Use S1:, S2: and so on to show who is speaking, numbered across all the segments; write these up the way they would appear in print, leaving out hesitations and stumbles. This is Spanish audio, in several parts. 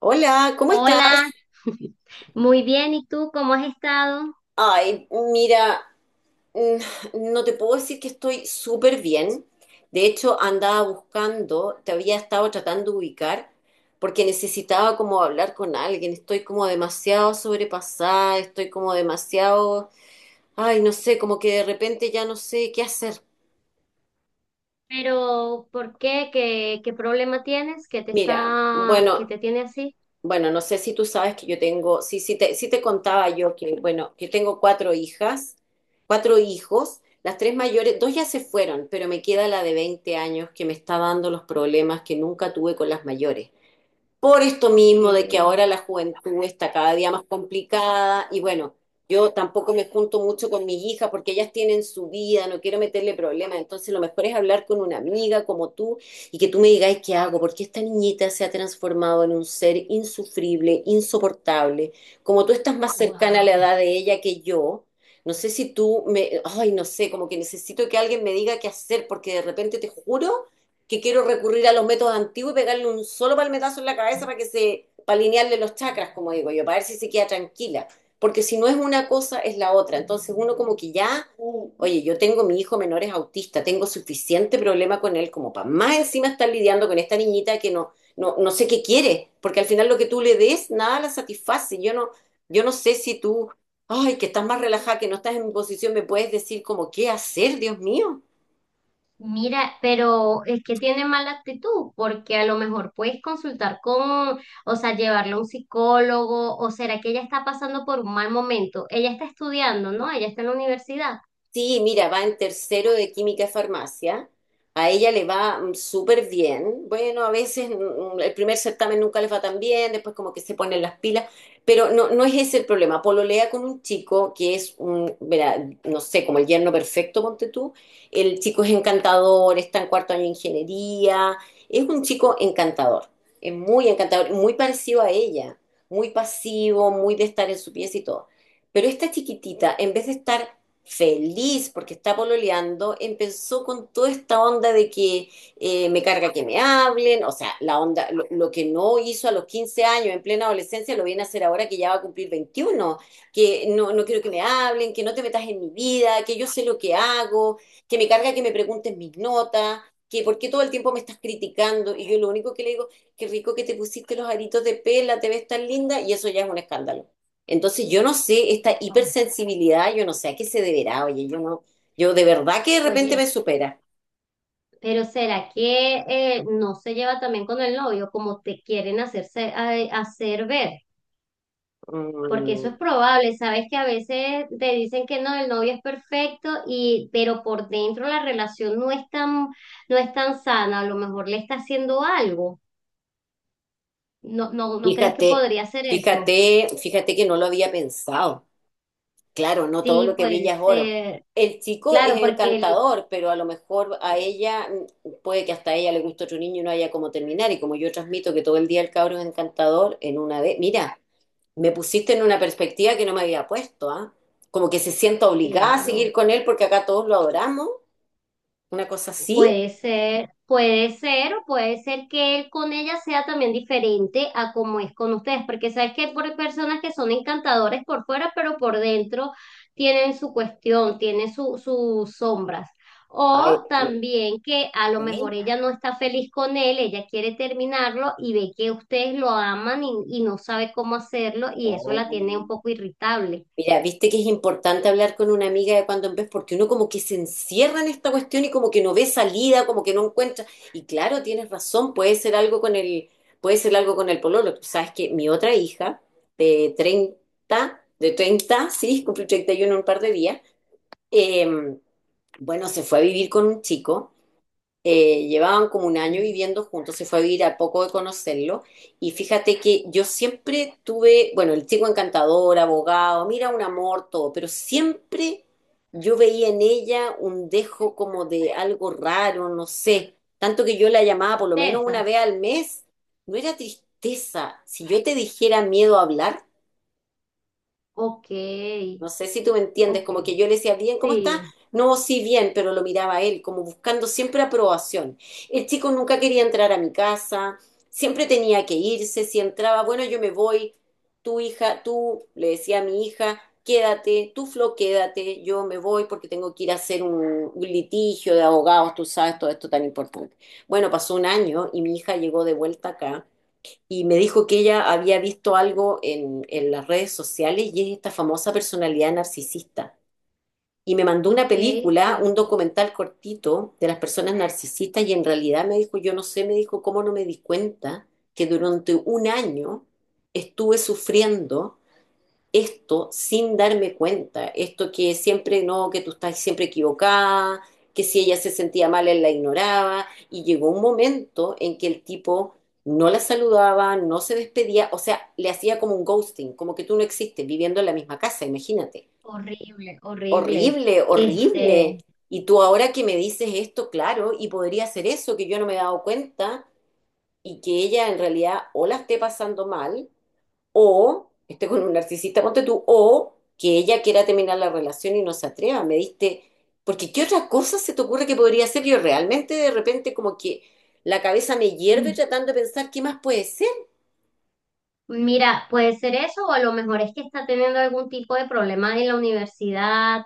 S1: Hola, ¿cómo
S2: Hola,
S1: estás?
S2: muy bien, ¿y tú cómo has estado?
S1: Ay, mira, mm, no te puedo decir que estoy súper bien. De hecho, andaba buscando, te había estado tratando de ubicar, porque necesitaba como hablar con alguien. Estoy como demasiado sobrepasada, estoy como demasiado, ay, no sé, como que de repente ya no sé qué hacer.
S2: Pero, ¿por qué? ¿¿Qué problema tienes que te
S1: Mira, bueno,
S2: tiene así?
S1: bueno, no sé si tú sabes que yo tengo, sí te contaba yo que, bueno, que tengo cuatro hijas, cuatro hijos. Las tres mayores, dos ya se fueron, pero me queda la de 20 años, que me está dando los problemas que nunca tuve con las mayores, por esto mismo de que
S2: Porque,
S1: ahora la juventud está cada día más complicada. Y bueno, yo tampoco me junto mucho con mis hijas porque ellas tienen su vida, no quiero meterle problemas, entonces lo mejor es hablar con una amiga como tú y que tú me digas qué hago, porque esta niñita se ha transformado en un ser insufrible, insoportable, como tú estás más cercana a la
S2: wow.
S1: edad de ella que yo. No sé si tú me, ay, no sé, como que necesito que alguien me diga qué hacer, porque de repente te juro que quiero recurrir a los métodos antiguos y pegarle un solo palmetazo en la cabeza para que se, para alinearle los chakras, como digo yo, para ver si se queda tranquila. Porque si no es una cosa, es la otra. Entonces uno como que ya, oye, yo tengo mi hijo menor es autista, tengo suficiente problema con él como para más encima estar lidiando con esta niñita, que no, no, no sé qué quiere, porque al final lo que tú le des, nada la satisface. Yo no sé si tú, ay, que estás más relajada, que no estás en mi posición, me puedes decir como qué hacer, Dios mío.
S2: Mira, pero es que tiene mala actitud, porque a lo mejor puedes consultar con, o sea, llevarlo a un psicólogo, o será que ella está pasando por un mal momento. Ella está estudiando, ¿no? Ella está en la universidad.
S1: Sí, mira, va en tercero de química y farmacia. A ella le va súper bien. Bueno, a veces el primer certamen nunca les va tan bien, después como que se ponen las pilas, pero no, no es ese el problema. Pololea con un chico que es un, verá, no sé, como el yerno perfecto, ponte tú. El chico es encantador, está en cuarto año de ingeniería, es un chico encantador, es muy encantador, muy parecido a ella, muy pasivo, muy de estar en su pieza y todo. Pero esta chiquitita, en vez de estar feliz porque está pololeando, empezó con toda esta onda de que me carga que me hablen. O sea, la onda, lo que no hizo a los 15 años en plena adolescencia lo viene a hacer ahora que ya va a cumplir 21, que no, no quiero que me hablen, que no te metas en mi vida, que yo sé lo que hago, que me carga que me pregunten mis notas, que por qué todo el tiempo me estás criticando. Y yo lo único que le digo, qué rico que te pusiste los aritos de pela, te ves tan linda, y eso ya es un escándalo. Entonces yo no sé, esta
S2: Wow.
S1: hipersensibilidad, yo no sé a qué se deberá, oye, yo no, yo de verdad que de repente me
S2: Oye.
S1: supera.
S2: Pero ¿será que no se lleva también con el novio como te quieren hacer ver? Porque
S1: Mm,
S2: eso es probable, sabes que a veces te dicen que no, el novio es perfecto y pero por dentro la relación no es tan sana, a lo mejor le está haciendo algo. ¿No crees que
S1: fíjate,
S2: podría ser eso?
S1: fíjate, fíjate que no lo había pensado. Claro, no todo
S2: Sí,
S1: lo que
S2: puede
S1: brilla es oro.
S2: ser.
S1: El chico es
S2: Claro, porque el,
S1: encantador, pero a lo mejor a ella, mm, puede que hasta a ella le guste otro niño y no haya cómo terminar. Y como yo transmito que todo el día el cabro es encantador, en una vez, mira, me pusiste en una perspectiva que no me había puesto, ¿ah? Como que se sienta obligada a seguir
S2: claro.
S1: con él porque acá todos lo adoramos, una cosa así.
S2: Puede ser, o puede ser que él con ella sea también diferente a como es con ustedes, porque sabes que por personas que son encantadores por fuera, pero por dentro tienen su cuestión, sus sombras. O
S1: Ay, ok.
S2: también que a lo mejor ella no está feliz con él, ella quiere terminarlo y ve que ustedes lo aman y no sabe cómo hacerlo y eso la tiene un poco irritable.
S1: Mira, viste que es importante hablar con una amiga de cuando en vez, porque uno como que se encierra en esta cuestión y como que no ve salida, como que no encuentra. Y claro, tienes razón, puede ser algo con el, puede ser algo con el pololo. Tú sabes que mi otra hija de treinta, sí, cumple 31 en un par de días, eh, bueno, se fue a vivir con un chico. Llevaban como un año
S2: Mm.
S1: viviendo juntos, se fue a vivir a poco de conocerlo. Y fíjate que yo siempre tuve, bueno, el chico encantador, abogado, mira, un amor, todo, pero siempre yo veía en ella un dejo como de algo raro, no sé. Tanto que yo la llamaba por lo menos
S2: Tristeza.
S1: una vez al mes, no era tristeza. Si yo te dijera miedo a hablar,
S2: Ok,
S1: no sé si tú me entiendes, como
S2: ok.
S1: que yo le decía, bien, ¿cómo está?
S2: Sí.
S1: No, sí, bien, pero lo miraba a él, como buscando siempre aprobación. El chico nunca quería entrar a mi casa, siempre tenía que irse, si entraba, bueno, yo me voy, tu hija, tú, le decía a mi hija, quédate, tú, Flo, quédate, yo me voy porque tengo que ir a hacer un litigio de abogados, tú sabes, todo esto tan importante. Bueno, pasó un año y mi hija llegó de vuelta acá y me dijo que ella había visto algo en las redes sociales, y es esta famosa personalidad narcisista. Y me mandó una
S2: Ok,
S1: película, un
S2: sí,
S1: documental cortito de las personas narcisistas, y en realidad me dijo, yo no sé, me dijo, ¿cómo no me di cuenta que durante un año estuve sufriendo esto sin darme cuenta, esto que siempre no, que tú estás siempre equivocada, que si ella se sentía mal, él la ignoraba? Y llegó un momento en que el tipo no la saludaba, no se despedía, o sea, le hacía como un ghosting, como que tú no existes viviendo en la misma casa, imagínate.
S2: horrible, horrible.
S1: Horrible, horrible.
S2: Este,
S1: Y tú ahora que me dices esto, claro, y podría ser eso, que yo no me he dado cuenta y que ella en realidad o la esté pasando mal o esté con un narcisista, ponte tú, o que ella quiera terminar la relación y no se atreva. Me diste, porque ¿qué otra cosa se te ocurre que podría ser? Yo realmente de repente como que la cabeza me hierve
S2: mm,
S1: tratando de pensar qué más puede ser.
S2: mira, puede ser eso o a lo mejor es que está teniendo algún tipo de problema en la universidad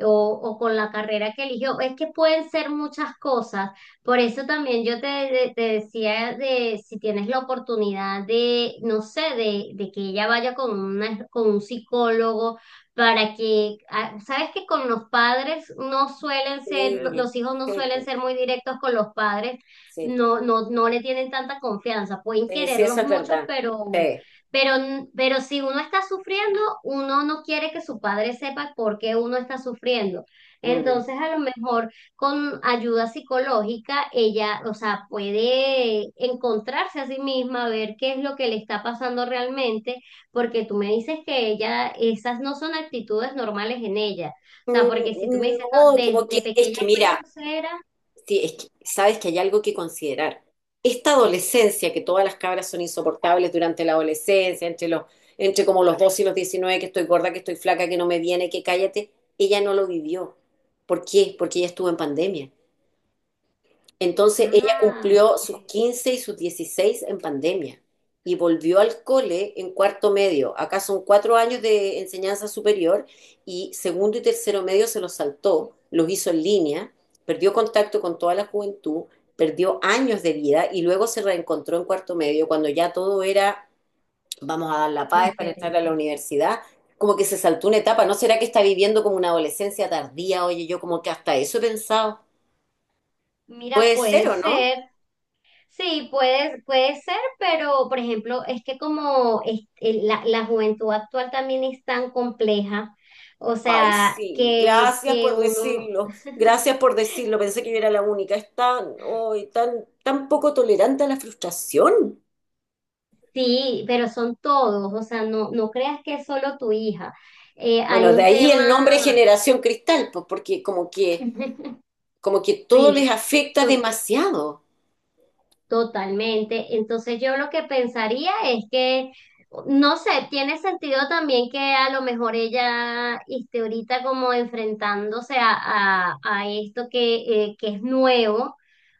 S2: o con la carrera que eligió. Es que pueden ser muchas cosas. Por eso también te decía de si tienes la oportunidad de, no sé, de que ella vaya con una, con un psicólogo para que, ah, sabes que con los padres no suelen
S1: Sí,
S2: los hijos no
S1: sí,
S2: suelen
S1: po,
S2: ser muy directos con los padres,
S1: sí, po.
S2: no le tienen tanta confianza, pueden
S1: Sí, sí,
S2: quererlos
S1: eso es
S2: mucho,
S1: verdad. Sí.
S2: pero, pero si uno está sufriendo, uno no quiere que su padre sepa por qué uno está sufriendo.
S1: Mm.
S2: Entonces, a lo mejor con ayuda psicológica, ella, o sea, puede encontrarse a sí misma, ver qué es lo que le está pasando realmente, porque tú me dices que ella, esas no son actitudes normales en ella. O sea,
S1: Mm,
S2: porque si tú me
S1: mm,
S2: dices, no,
S1: no, como que
S2: desde
S1: es
S2: pequeña
S1: que
S2: fue
S1: mira,
S2: grosera,
S1: sí, es que sabes que hay algo que considerar. Esta adolescencia, que todas las cabras son insoportables durante la adolescencia, entre como los 12 y los 19, que estoy gorda, que estoy flaca, que no me viene, que cállate, ella no lo vivió. ¿Por qué? Porque ella estuvo en pandemia. Entonces ella
S2: ah,
S1: cumplió
S2: ok,
S1: sus 15 y sus 16 en pandemia y volvió al cole en cuarto medio. Acá son 4 años de enseñanza superior, y segundo y tercero medio se los saltó, los hizo en línea, perdió contacto con toda la juventud, perdió años de vida y luego se reencontró en cuarto medio cuando ya todo era, vamos a dar la paz para entrar a la
S2: diferente.
S1: universidad. Como que se saltó una etapa, ¿no será que está viviendo como una adolescencia tardía? Oye, yo como que hasta eso he pensado.
S2: Mira,
S1: Puede ser,
S2: puede
S1: ¿o no?
S2: ser. Sí, puede, puede ser, pero por ejemplo, es que como la juventud actual también es tan compleja, o
S1: Ay,
S2: sea,
S1: sí,
S2: que uno,
S1: gracias por decirlo, pensé que yo era la única, es tan, ay, tan, tan poco tolerante a la frustración.
S2: sí, pero son todos, o sea, no, no creas que es solo tu hija. Hay
S1: Bueno, de
S2: un
S1: ahí el nombre
S2: tema.
S1: Generación Cristal, pues porque como que, como que todo
S2: Sí,
S1: les afecta demasiado,
S2: totalmente. Entonces yo lo que pensaría es que, no sé, tiene sentido también que a lo mejor ella esté ahorita como enfrentándose a esto que es nuevo.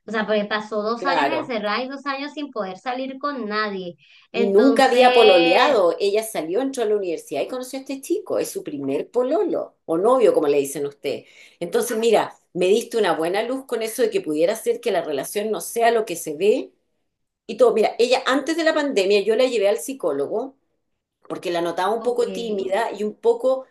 S2: O sea, porque pasó dos años
S1: claro.
S2: encerrada y dos años sin poder salir con nadie.
S1: Y nunca había
S2: Entonces,
S1: pololeado, ella salió, entró a la universidad y conoció a este chico, es su primer pololo, o novio, como le dicen ustedes. Entonces, mira, me diste una buena luz con eso de que pudiera ser que la relación no sea lo que se ve y todo. Mira, ella antes de la pandemia yo la llevé al psicólogo porque la notaba un
S2: ok,
S1: poco tímida y un poco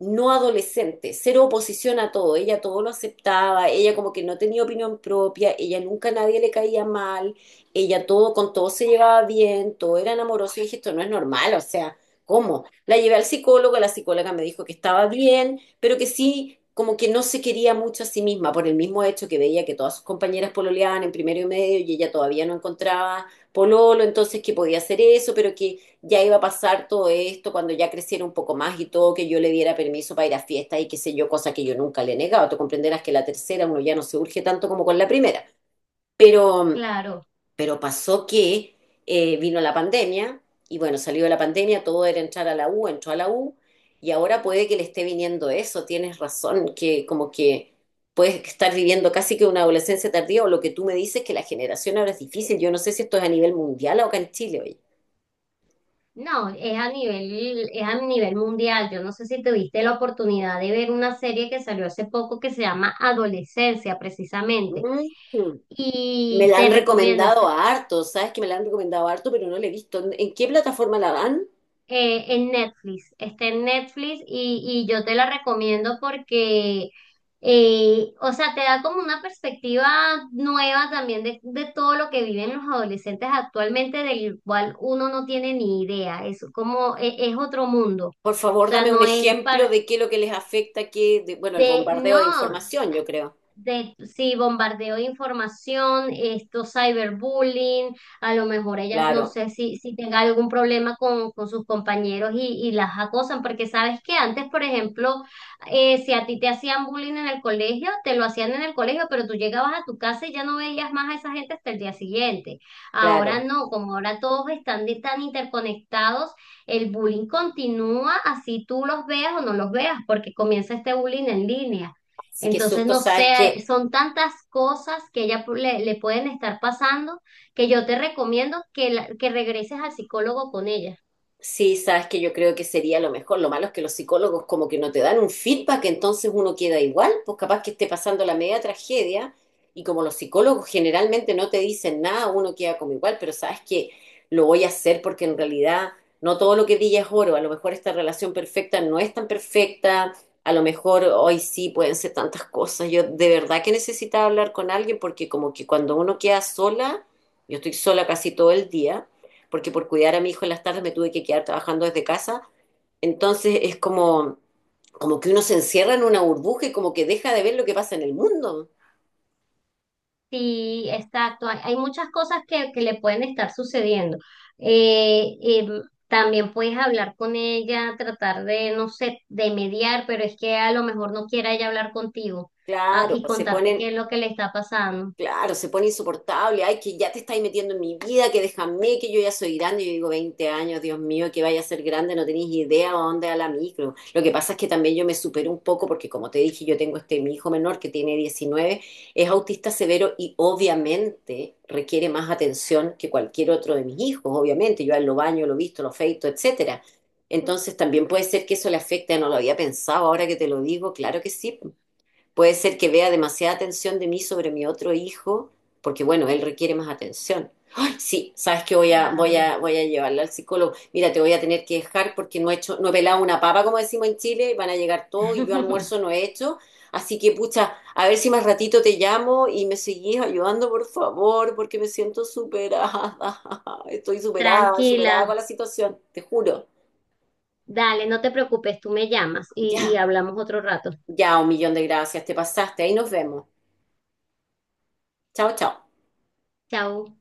S1: no adolescente, cero oposición a todo, ella todo lo aceptaba, ella como que no tenía opinión propia, ella nunca a nadie le caía mal, ella todo con todo se llevaba bien, todo era amoroso, y dije, esto no es normal, o sea, ¿cómo? La llevé al psicólogo, la psicóloga me dijo que estaba bien, pero que sí, como que no se quería mucho a sí misma, por el mismo hecho que veía que todas sus compañeras pololeaban en primero y medio y ella todavía no encontraba pololo, entonces que podía hacer eso, pero que ya iba a pasar todo esto cuando ya creciera un poco más y todo, que yo le diera permiso para ir a fiestas y qué sé yo, cosa que yo nunca le he negado. Tú comprenderás que la tercera uno ya no se urge tanto como con la primera. Pero,
S2: claro.
S1: pero pasó que vino la pandemia, y bueno, salió de la pandemia, todo era entrar a la U, entró a la U, y ahora puede que le esté viniendo eso, tienes razón, que como que puedes estar viviendo casi que una adolescencia tardía, o lo que tú me dices, que la generación ahora es difícil. Yo no sé si esto es a nivel mundial o acá en Chile, oye.
S2: No, es a nivel mundial. Yo no sé si tuviste la oportunidad de ver una serie que salió hace poco que se llama Adolescencia, precisamente.
S1: Mm. Me
S2: Y
S1: la
S2: te
S1: han
S2: recomiendo, es,
S1: recomendado a harto, ¿sabes que me la han recomendado a harto, pero no la he visto? ¿En qué plataforma la dan?
S2: en Netflix, está en Netflix y yo te la recomiendo porque, o sea, te da como una perspectiva nueva también de todo lo que viven los adolescentes actualmente, del cual uno no tiene ni idea, es como, es, otro mundo, o
S1: Por favor,
S2: sea,
S1: dame un
S2: no es
S1: ejemplo
S2: para,
S1: de qué es lo que les afecta, qué, de- bueno, el
S2: de,
S1: bombardeo de
S2: no,
S1: información, yo creo.
S2: de, sí, bombardeo de información, esto cyberbullying, a lo mejor ellas no
S1: Claro,
S2: sé si tenga algún problema con sus compañeros y las acosan, porque sabes que antes, por ejemplo, si a ti te hacían bullying en el colegio, te lo hacían en el colegio, pero tú llegabas a tu casa y ya no veías más a esa gente hasta el día siguiente. Ahora
S1: claro.
S2: no, como ahora todos tan interconectados, el bullying continúa así tú los veas o no los veas, porque comienza este bullying en línea.
S1: Así que
S2: Entonces,
S1: susto,
S2: no sé,
S1: ¿sabes que
S2: son tantas cosas que le pueden estar pasando que yo te recomiendo que, que regreses al psicólogo con ella.
S1: sí, sabes que yo creo que sería lo mejor? Lo malo es que los psicólogos como que no te dan un feedback, entonces uno queda igual, pues capaz que esté pasando la media tragedia, y como los psicólogos generalmente no te dicen nada, uno queda como igual, pero sabes que lo voy a hacer, porque en realidad no todo lo que brilla es oro. A lo mejor esta relación perfecta no es tan perfecta, a lo mejor hoy sí pueden ser tantas cosas. Yo de verdad que necesitaba hablar con alguien, porque como que cuando uno queda sola, yo estoy sola casi todo el día porque por cuidar a mi hijo en las tardes me tuve que quedar trabajando desde casa. Entonces es como, como que uno se encierra en una burbuja y como que deja de ver lo que pasa en el mundo.
S2: Sí, exacto. Hay muchas cosas que le pueden estar sucediendo. Eh, em, También puedes hablar con ella, tratar de, no sé, de mediar, pero es que a lo mejor no quiera ella hablar contigo, ah,
S1: Claro,
S2: y
S1: pues se
S2: contarte qué
S1: ponen,
S2: es lo que le está pasando.
S1: claro, se pone insoportable. Ay, que ya te estáis metiendo en mi vida, que déjame, que yo ya soy grande. Yo digo, 20 años, Dios mío, que vaya a ser grande, no tenéis idea a dónde a la micro. Lo que pasa es que también yo me supero un poco, porque como te dije, yo tengo este mi hijo menor que tiene 19, es autista severo y obviamente requiere más atención que cualquier otro de mis hijos, obviamente. Yo a él lo baño, lo visto, lo feito, etcétera. Entonces también puede ser que eso le afecte, no lo había pensado, ahora que te lo digo, claro que sí. Puede ser que vea demasiada atención de mí sobre mi otro hijo, porque bueno, él requiere más atención. Ay, sí, sabes que voy a, voy
S2: Claro.
S1: a, voy a llevarla al psicólogo. Mira, te voy a tener que dejar porque no he hecho, no he pelado una papa, como decimos en Chile, y van a llegar todos y yo almuerzo no he hecho. Así que, pucha, a ver si más ratito te llamo y me seguís ayudando, por favor, porque me siento superada. Estoy superada, superada
S2: Tranquila,
S1: con la situación, te juro.
S2: dale, no te preocupes, tú me llamas y
S1: Ya,
S2: hablamos otro rato.
S1: ya, un millón de gracias, te pasaste. Ahí nos vemos. Chao, chao.
S2: Chao.